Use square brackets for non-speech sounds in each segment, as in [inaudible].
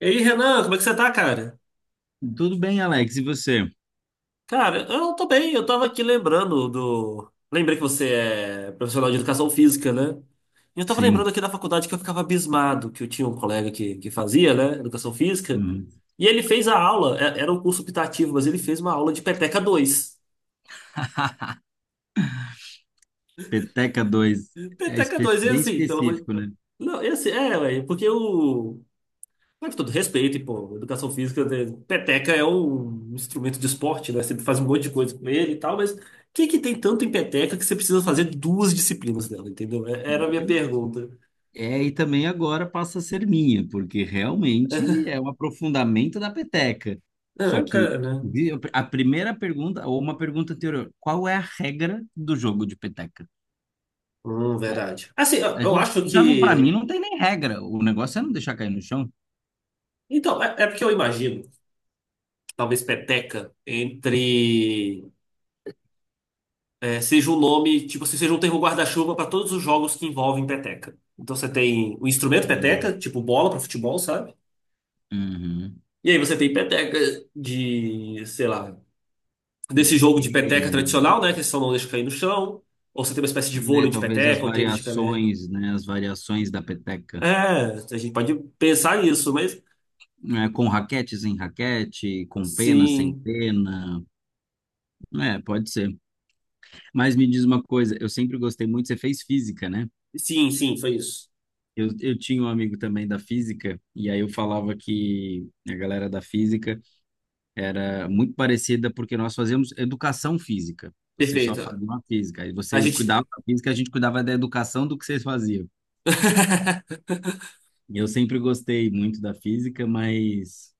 E aí, Renan, como é que você tá, cara? Tudo bem, Alex? E você? Cara, eu tô bem, eu tava aqui lembrando do. Lembrei que você é profissional de educação física, né? E eu tava lembrando Sim. aqui da faculdade que eu ficava abismado, que eu tinha um colega que fazia, né, educação física, Uhum. e ele fez a aula, era um curso optativo, mas ele fez uma aula de peteca 2. Peteca dois [laughs] Peteca 2 e bem assim, pelo amor. específico, né? Não, e assim, é, velho, porque o. Mas com todo respeito, e, pô, educação física, né, peteca é um instrumento de esporte, né? Você faz um monte de coisa com ele e tal, mas o que que tem tanto em peteca que você precisa fazer duas disciplinas dela, entendeu? Era a Do- minha pergunta. É, e também agora passa a ser minha, porque realmente é um aprofundamento da peteca. Só Ah, que cara, né? A primeira pergunta, ou uma pergunta anterior, qual é a regra do jogo de peteca? A Verdade. Assim, eu, a eu gente, acho já não, para mim, que. não tem nem regra. O negócio é não deixar cair no chão. Então, é porque eu imagino, talvez seja um nome, tipo assim, seja um termo guarda-chuva para todos os jogos que envolvem peteca. Então você tem o instrumento Uhum. peteca, tipo bola para futebol, sabe? Uhum. E aí você tem peteca de, sei lá, De desse jogo pé, de peteca tradicional, né? Que só não deixa cair no chão. Ou você tem uma espécie de né, vôlei de talvez as peteca, ou tênis de peteca. variações, né, as variações da peteca, É, a gente pode pensar nisso, mas né, com raquete, sem raquete, com pena, sem sim, pena, é, pode ser. Mas me diz uma coisa, eu sempre gostei muito, você fez física, né? sim, sim, foi isso. Eu tinha um amigo também da física, e aí eu falava que a galera da física era muito parecida porque nós fazíamos educação física. Vocês só Perfeito. faziam a física, aí A vocês gente. cuidavam da física, a gente cuidava da educação do que vocês faziam. [laughs] E eu sempre gostei muito da física, mas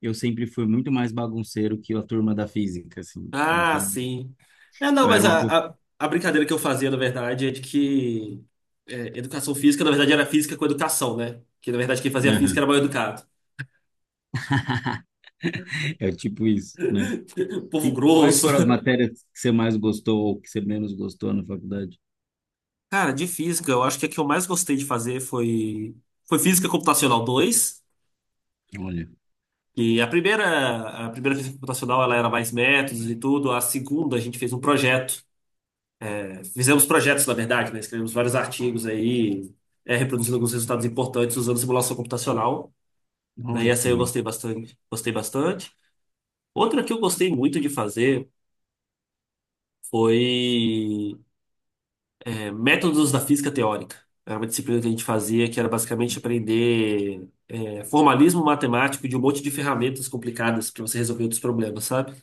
eu sempre fui muito mais bagunceiro que a turma da física, assim. Ah, Então, sim. É, não, eu era mas uma. Pe- a brincadeira que eu fazia, na verdade, é de que educação física, na verdade, era física com educação, né? Que, na verdade, quem [laughs] fazia física era Aham, mal educado. é tipo isso, né? [laughs] Povo E quais grosso. foram as matérias que você mais gostou ou que você menos gostou na faculdade? Cara, de física, eu acho que a que eu mais gostei de fazer foi Física Computacional 2. Olha, E a primeira física computacional ela era mais métodos e tudo. A segunda a gente fez um projeto. É, fizemos projetos, na verdade, né? Escrevemos vários artigos aí, reproduzindo alguns resultados importantes usando simulação computacional. Né, e olha que essa aí eu maneiro. gostei bastante, gostei bastante. Outra que eu gostei muito de fazer foi Métodos da Física Teórica. Era uma disciplina que a gente fazia que era basicamente formalismo matemático de um monte de ferramentas complicadas para você resolver outros problemas, sabe?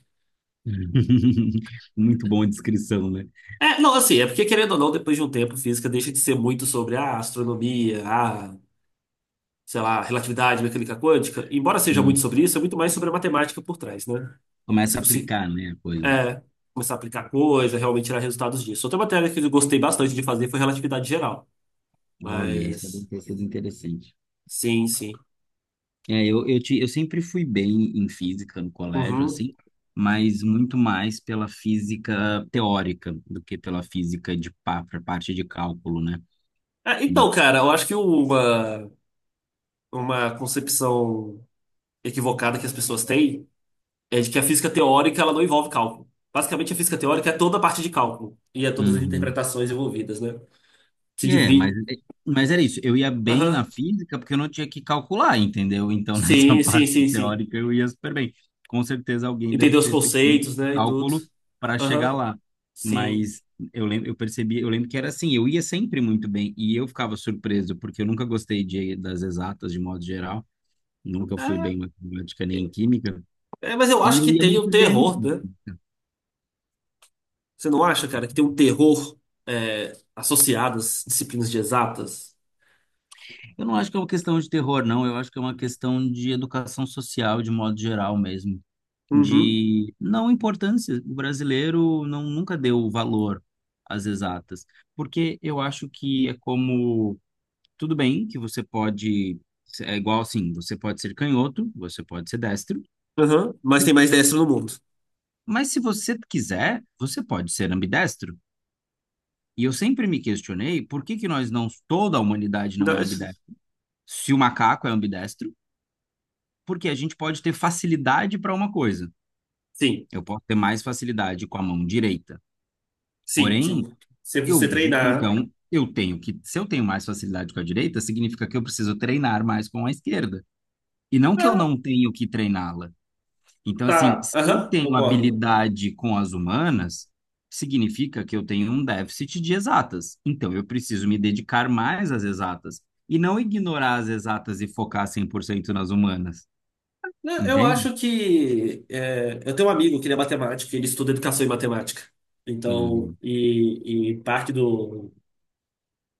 Hum. [laughs] Muito bom a descrição, né? É, não, assim, é porque querendo ou não, depois de um tempo, física deixa de ser muito sobre a astronomia, a, sei lá, relatividade, mecânica quântica. Embora seja muito sobre Hum. isso, é muito mais sobre a matemática por trás, né? Você Começa a conseguir aplicar, né, a coisa. é, começar a aplicar coisa, realmente tirar resultados disso. Outra matéria que eu gostei bastante de fazer foi relatividade geral, Olha, isso é bem mas isso é interessante. sim, sim. É, eu sempre fui bem em física no colégio, Uhum. assim, mas muito mais pela física teórica do que pela física de pra parte de cálculo, né? É, então, cara, eu acho que uma concepção equivocada que as pessoas têm é de que a física teórica ela não envolve cálculo. Basicamente, a física teórica é toda a parte de cálculo e é todas as Uhum. interpretações envolvidas, né? Se É, mas, divide. é, mas era isso. Eu ia bem na Aham. física porque eu não tinha que calcular, entendeu? Então, [laughs] nessa Sim, sim, parte sim, sim. teórica, eu ia super bem. Com certeza, alguém deve Entender os ter feito um conceitos, né? E tudo. cálculo para chegar Aham. lá. Sim. Mas eu lembro, eu percebi, eu lembro que era assim, eu ia sempre muito bem e eu ficava surpreso porque eu nunca gostei de, das exatas de modo geral, nunca fui É, bem em matemática nem em química é, mas eu e acho eu que ia tem o muito bem. terror, né? Você não acha, cara, que tem um terror associado às disciplinas de exatas? Eu não acho que é uma questão de terror, não. Eu acho que é uma questão de educação social, de modo geral mesmo. Uhum. De não importância. O brasileiro não, nunca deu valor às exatas. Porque eu acho que é como. Tudo bem que você pode. É igual assim: você pode ser canhoto, você pode ser destro. Aham. Mas tem mais dessa no mundo. Mas se você quiser, você pode ser ambidestro. E eu sempre me questionei por que que nós não. Toda a humanidade não Então, é é isso- ambidestra. Se o macaco é ambidestro porque a gente pode ter facilidade para uma coisa. Sim, Eu posso ter mais facilidade com a mão direita. sim, Porém, sim. Se você eu treinar. então eu tenho que, se eu tenho mais facilidade com a direita, significa que eu preciso treinar mais com a esquerda. E não que eu Ah, não tenho que treiná-la. Então, assim, tá. se eu Aham, tenho concordo. habilidade com as humanas, significa que eu tenho um déficit de exatas. Então, eu preciso me dedicar mais às exatas e não ignorar as exatas e focar 100% nas humanas. Não, eu Entende? acho que. Eu tenho um amigo que ele é matemático, ele estuda educação e matemática. Então, Uhum. E parte do,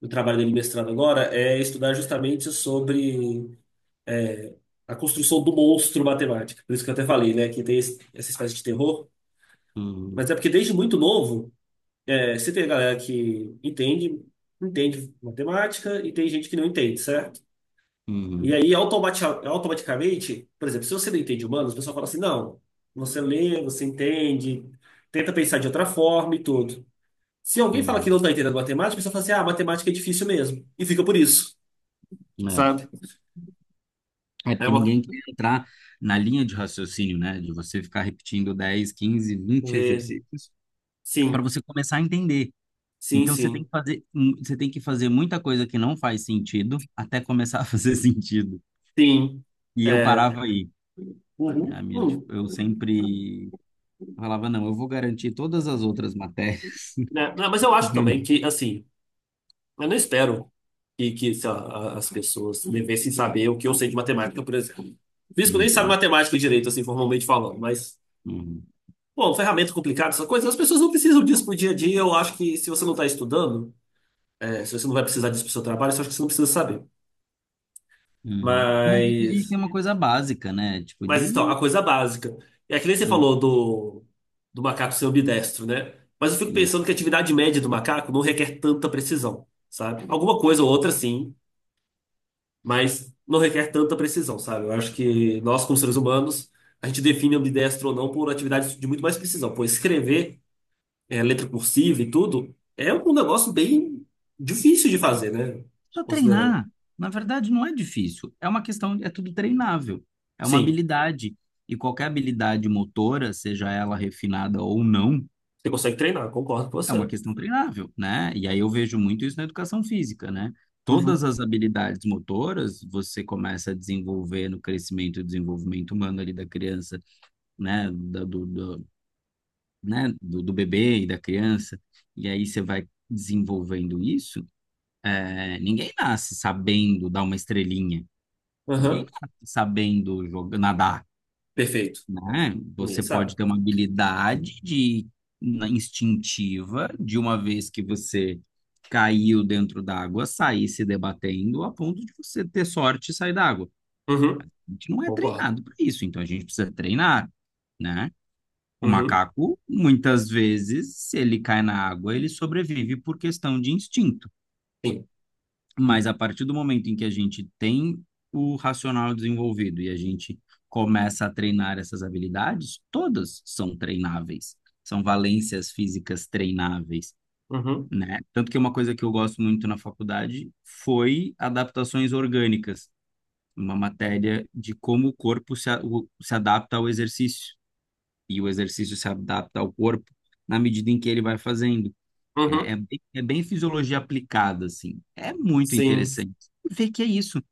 do trabalho dele mestrado agora é estudar justamente sobre é, a construção do monstro matemática. Por isso que eu até falei, né, que tem essa espécie de terror. Mas Uhum. é porque desde muito novo, você tem a galera que entende, entende matemática e tem gente que não entende, certo? E Uhum, aí, automaticamente, por exemplo, se você não entende humanos, o pessoal fala assim: não, você lê, você entende, tenta pensar de outra forma e tudo. Se alguém fala que não uhum. está entendendo matemática, a pessoa fala assim: ah, matemática é difícil mesmo. E fica por isso, É. sabe? É É porque uma. ninguém quer entrar na linha de raciocínio, né? De você ficar repetindo dez quinze vinte é, exercícios para Sim, você começar a entender. sim, Então você tem sim, que você tem que fazer muita coisa que não faz sentido até começar a [laughs] fazer sentido. sim. E eu É. parava aí. Uhum, Eu sempre falava, não, eu vou garantir todas as outras matérias. né? Não, mas eu acho também que, [laughs] assim, eu não espero que sei lá, as pessoas devessem saber o que eu sei de matemática, por exemplo. Físico nem sabe Uhum, matemática direito, assim, formalmente falando, mas. uhum, Bom, ferramenta complicada, essa coisa, as pessoas não precisam disso pro dia a dia. Eu acho que se você não está estudando, se você não vai precisar disso pro seu trabalho, eu acho que você não precisa saber. uhum. Mas é a gente Mas, tem uma coisa básica, né? Tipo mas então, de. a coisa básica. É que nem você Hum, falou do, do macaco ser ambidestro, né? Mas eu fico hum. pensando que a atividade média do macaco não requer tanta precisão, sabe? Alguma coisa ou outra, sim, mas não requer tanta precisão, sabe? Eu acho que nós, como seres humanos, a gente define ambidestro ou não por atividades de muito mais precisão. Pô, letra cursiva e tudo, é um negócio bem difícil de fazer, né? Só Considerando. treinar. Na verdade, não é difícil. É uma questão, é tudo treinável. É uma Sim, habilidade. E qualquer habilidade motora, seja ela refinada ou não, você consegue treinar, concordo com é uma você. questão treinável, né? E aí eu vejo muito isso na educação física, né? Todas Uhum, as habilidades motoras você começa a desenvolver no crescimento e desenvolvimento humano ali da criança, né? Né? do bebê e da criança. E aí você vai desenvolvendo isso. É, ninguém nasce sabendo dar uma estrelinha. Ninguém aham, nasce sabendo jogar, nadar, perfeito. né? Você Ninguém sabe. pode ter uma habilidade instintiva de uma vez que você caiu dentro d'água, sair se debatendo a ponto de você ter sorte e sair d'água. Uhum, A gente não é concordo. treinado para isso, então a gente precisa treinar, né? O Uhum, macaco, muitas vezes, se ele cai na água, ele sobrevive por questão de instinto. sim. Mas a partir do momento em que a gente tem o racional desenvolvido e a gente começa a treinar essas habilidades, todas são treináveis, são valências físicas treináveis, Uhum, né? Tanto que uma coisa que eu gosto muito na faculdade foi adaptações orgânicas, uma matéria de como o corpo se, a- o- se adapta ao exercício e o exercício se adapta ao corpo na medida em que ele vai fazendo. uhum, É bem fisiologia aplicada, assim. É muito sim. interessante. E ver que é isso.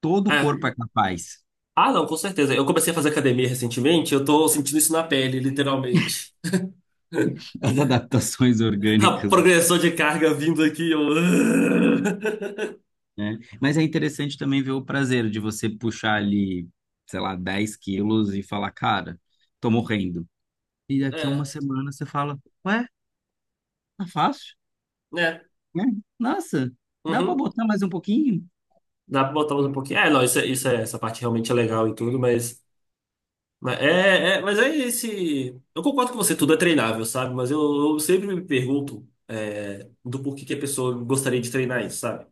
Todo o É. corpo é capaz Ah, não, com certeza. Eu comecei a fazer academia recentemente, eu tô sentindo isso na pele, literalmente. [laughs] das adaptações [laughs] A orgânicas, progressão de carga vindo aqui, eu... [laughs] né? Mas é interessante também ver o prazer de você puxar ali, sei lá, 10 quilos e falar, cara, tô morrendo. E daqui a uma É, semana você fala, ué, tá fácil, né? né? Nossa, dá pra Uhum. botar mais um pouquinho? Dá pra botar mais um pouquinho. É, não, isso, isso é, essa parte realmente é legal e tudo, mas é, mas é esse. Eu concordo com você, tudo é treinável, sabe? Mas eu sempre me pergunto é, do porquê que a pessoa gostaria de treinar isso, sabe?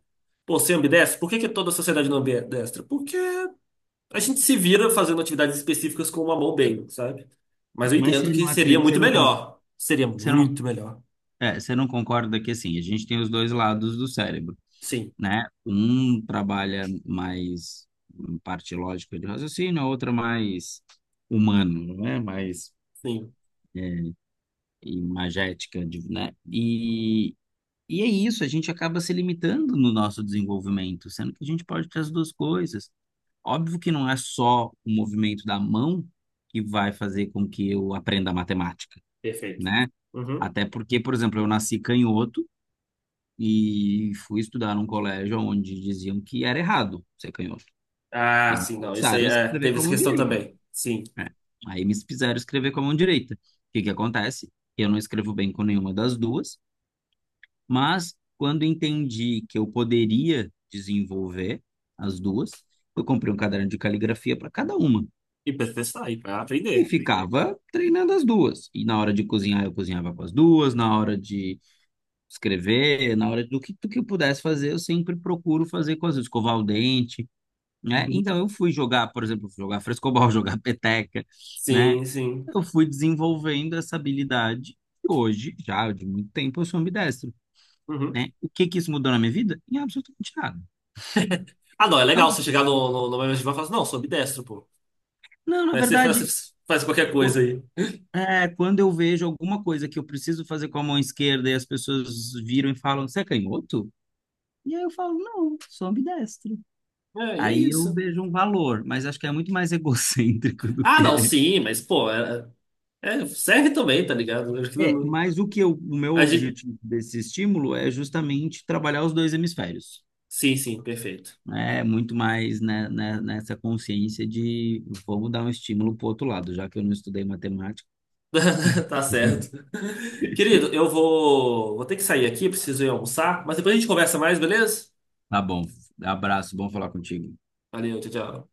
Pô, você é ambidestro? Por que que toda a sociedade não é ambidestra? Porque a gente se vira fazendo atividades específicas com uma mão bem, sabe? Mas eu Mas entendo você que não seria acredita, muito melhor. Seria você não, muito melhor. é, você não concorda que, assim, a gente tem os dois lados do cérebro. Sim, Né? Um trabalha mais parte lógica de raciocínio, a outra mais humano, né? Mais sim. imagética, né? E é isso, a gente acaba se limitando no nosso desenvolvimento, sendo que a gente pode ter as duas coisas. Óbvio que não é só o movimento da mão que vai fazer com que eu aprenda matemática, Perfeito. né? Uhum. Até porque, por exemplo, eu nasci canhoto e fui estudar num colégio onde diziam que era errado ser canhoto. Ah, E me sim, não. Isso aí forçaram a é, escrever teve com a essa mão questão direita. também. Sim. É. Aí me fizeram escrever com a mão direita. O que que acontece? Eu não escrevo bem com nenhuma das duas, mas quando entendi que eu poderia desenvolver as duas, eu comprei um caderno de caligrafia para cada uma. E para testar, e para E aprender. ficava treinando as duas. E na hora de cozinhar, eu cozinhava com as duas. Na hora de escrever, na hora do que eu pudesse fazer, eu sempre procuro fazer com as duas. Escovar o dente. Né? Uhum. Então eu fui jogar, por exemplo, fui jogar frescobol, [laughs] jogar peteca, né? Sim, sim. Eu fui desenvolvendo essa habilidade e hoje, já de muito tempo, eu sou ambidestro, Uhum. né? O que que isso mudou na minha vida? Em absolutamente nada. Ah, não, é Então, legal você chegar no, no, no mesmo time e falar assim, não, sou ambidestro, pô. não, na Daí verdade, você faz qualquer o- coisa aí. Quando eu vejo alguma coisa que eu preciso fazer com a mão esquerda e as pessoas viram e falam, você é canhoto? E aí eu falo, não, sou ambidestro. É, e é Aí eu isso. vejo um valor, mas acho que é muito mais [laughs] egocêntrico do Ah, não, que sim, mas, pô, é, é, serve também, tá ligado? Eu acho que é, não- mas o que eu, o meu A gente... objetivo desse estímulo é justamente trabalhar os dois hemisférios, Sim, sim, perfeito. né? Muito mais né, né, nessa consciência de vamos dar um estímulo para o outro lado, já que eu não estudei matemática. [laughs] Tá certo. [laughs] Querido, eu vou, vou ter que sair aqui, preciso ir almoçar, mas depois a gente conversa mais, beleza? Tá bom, abraço, bom falar contigo. Valeu, tchau, tchau.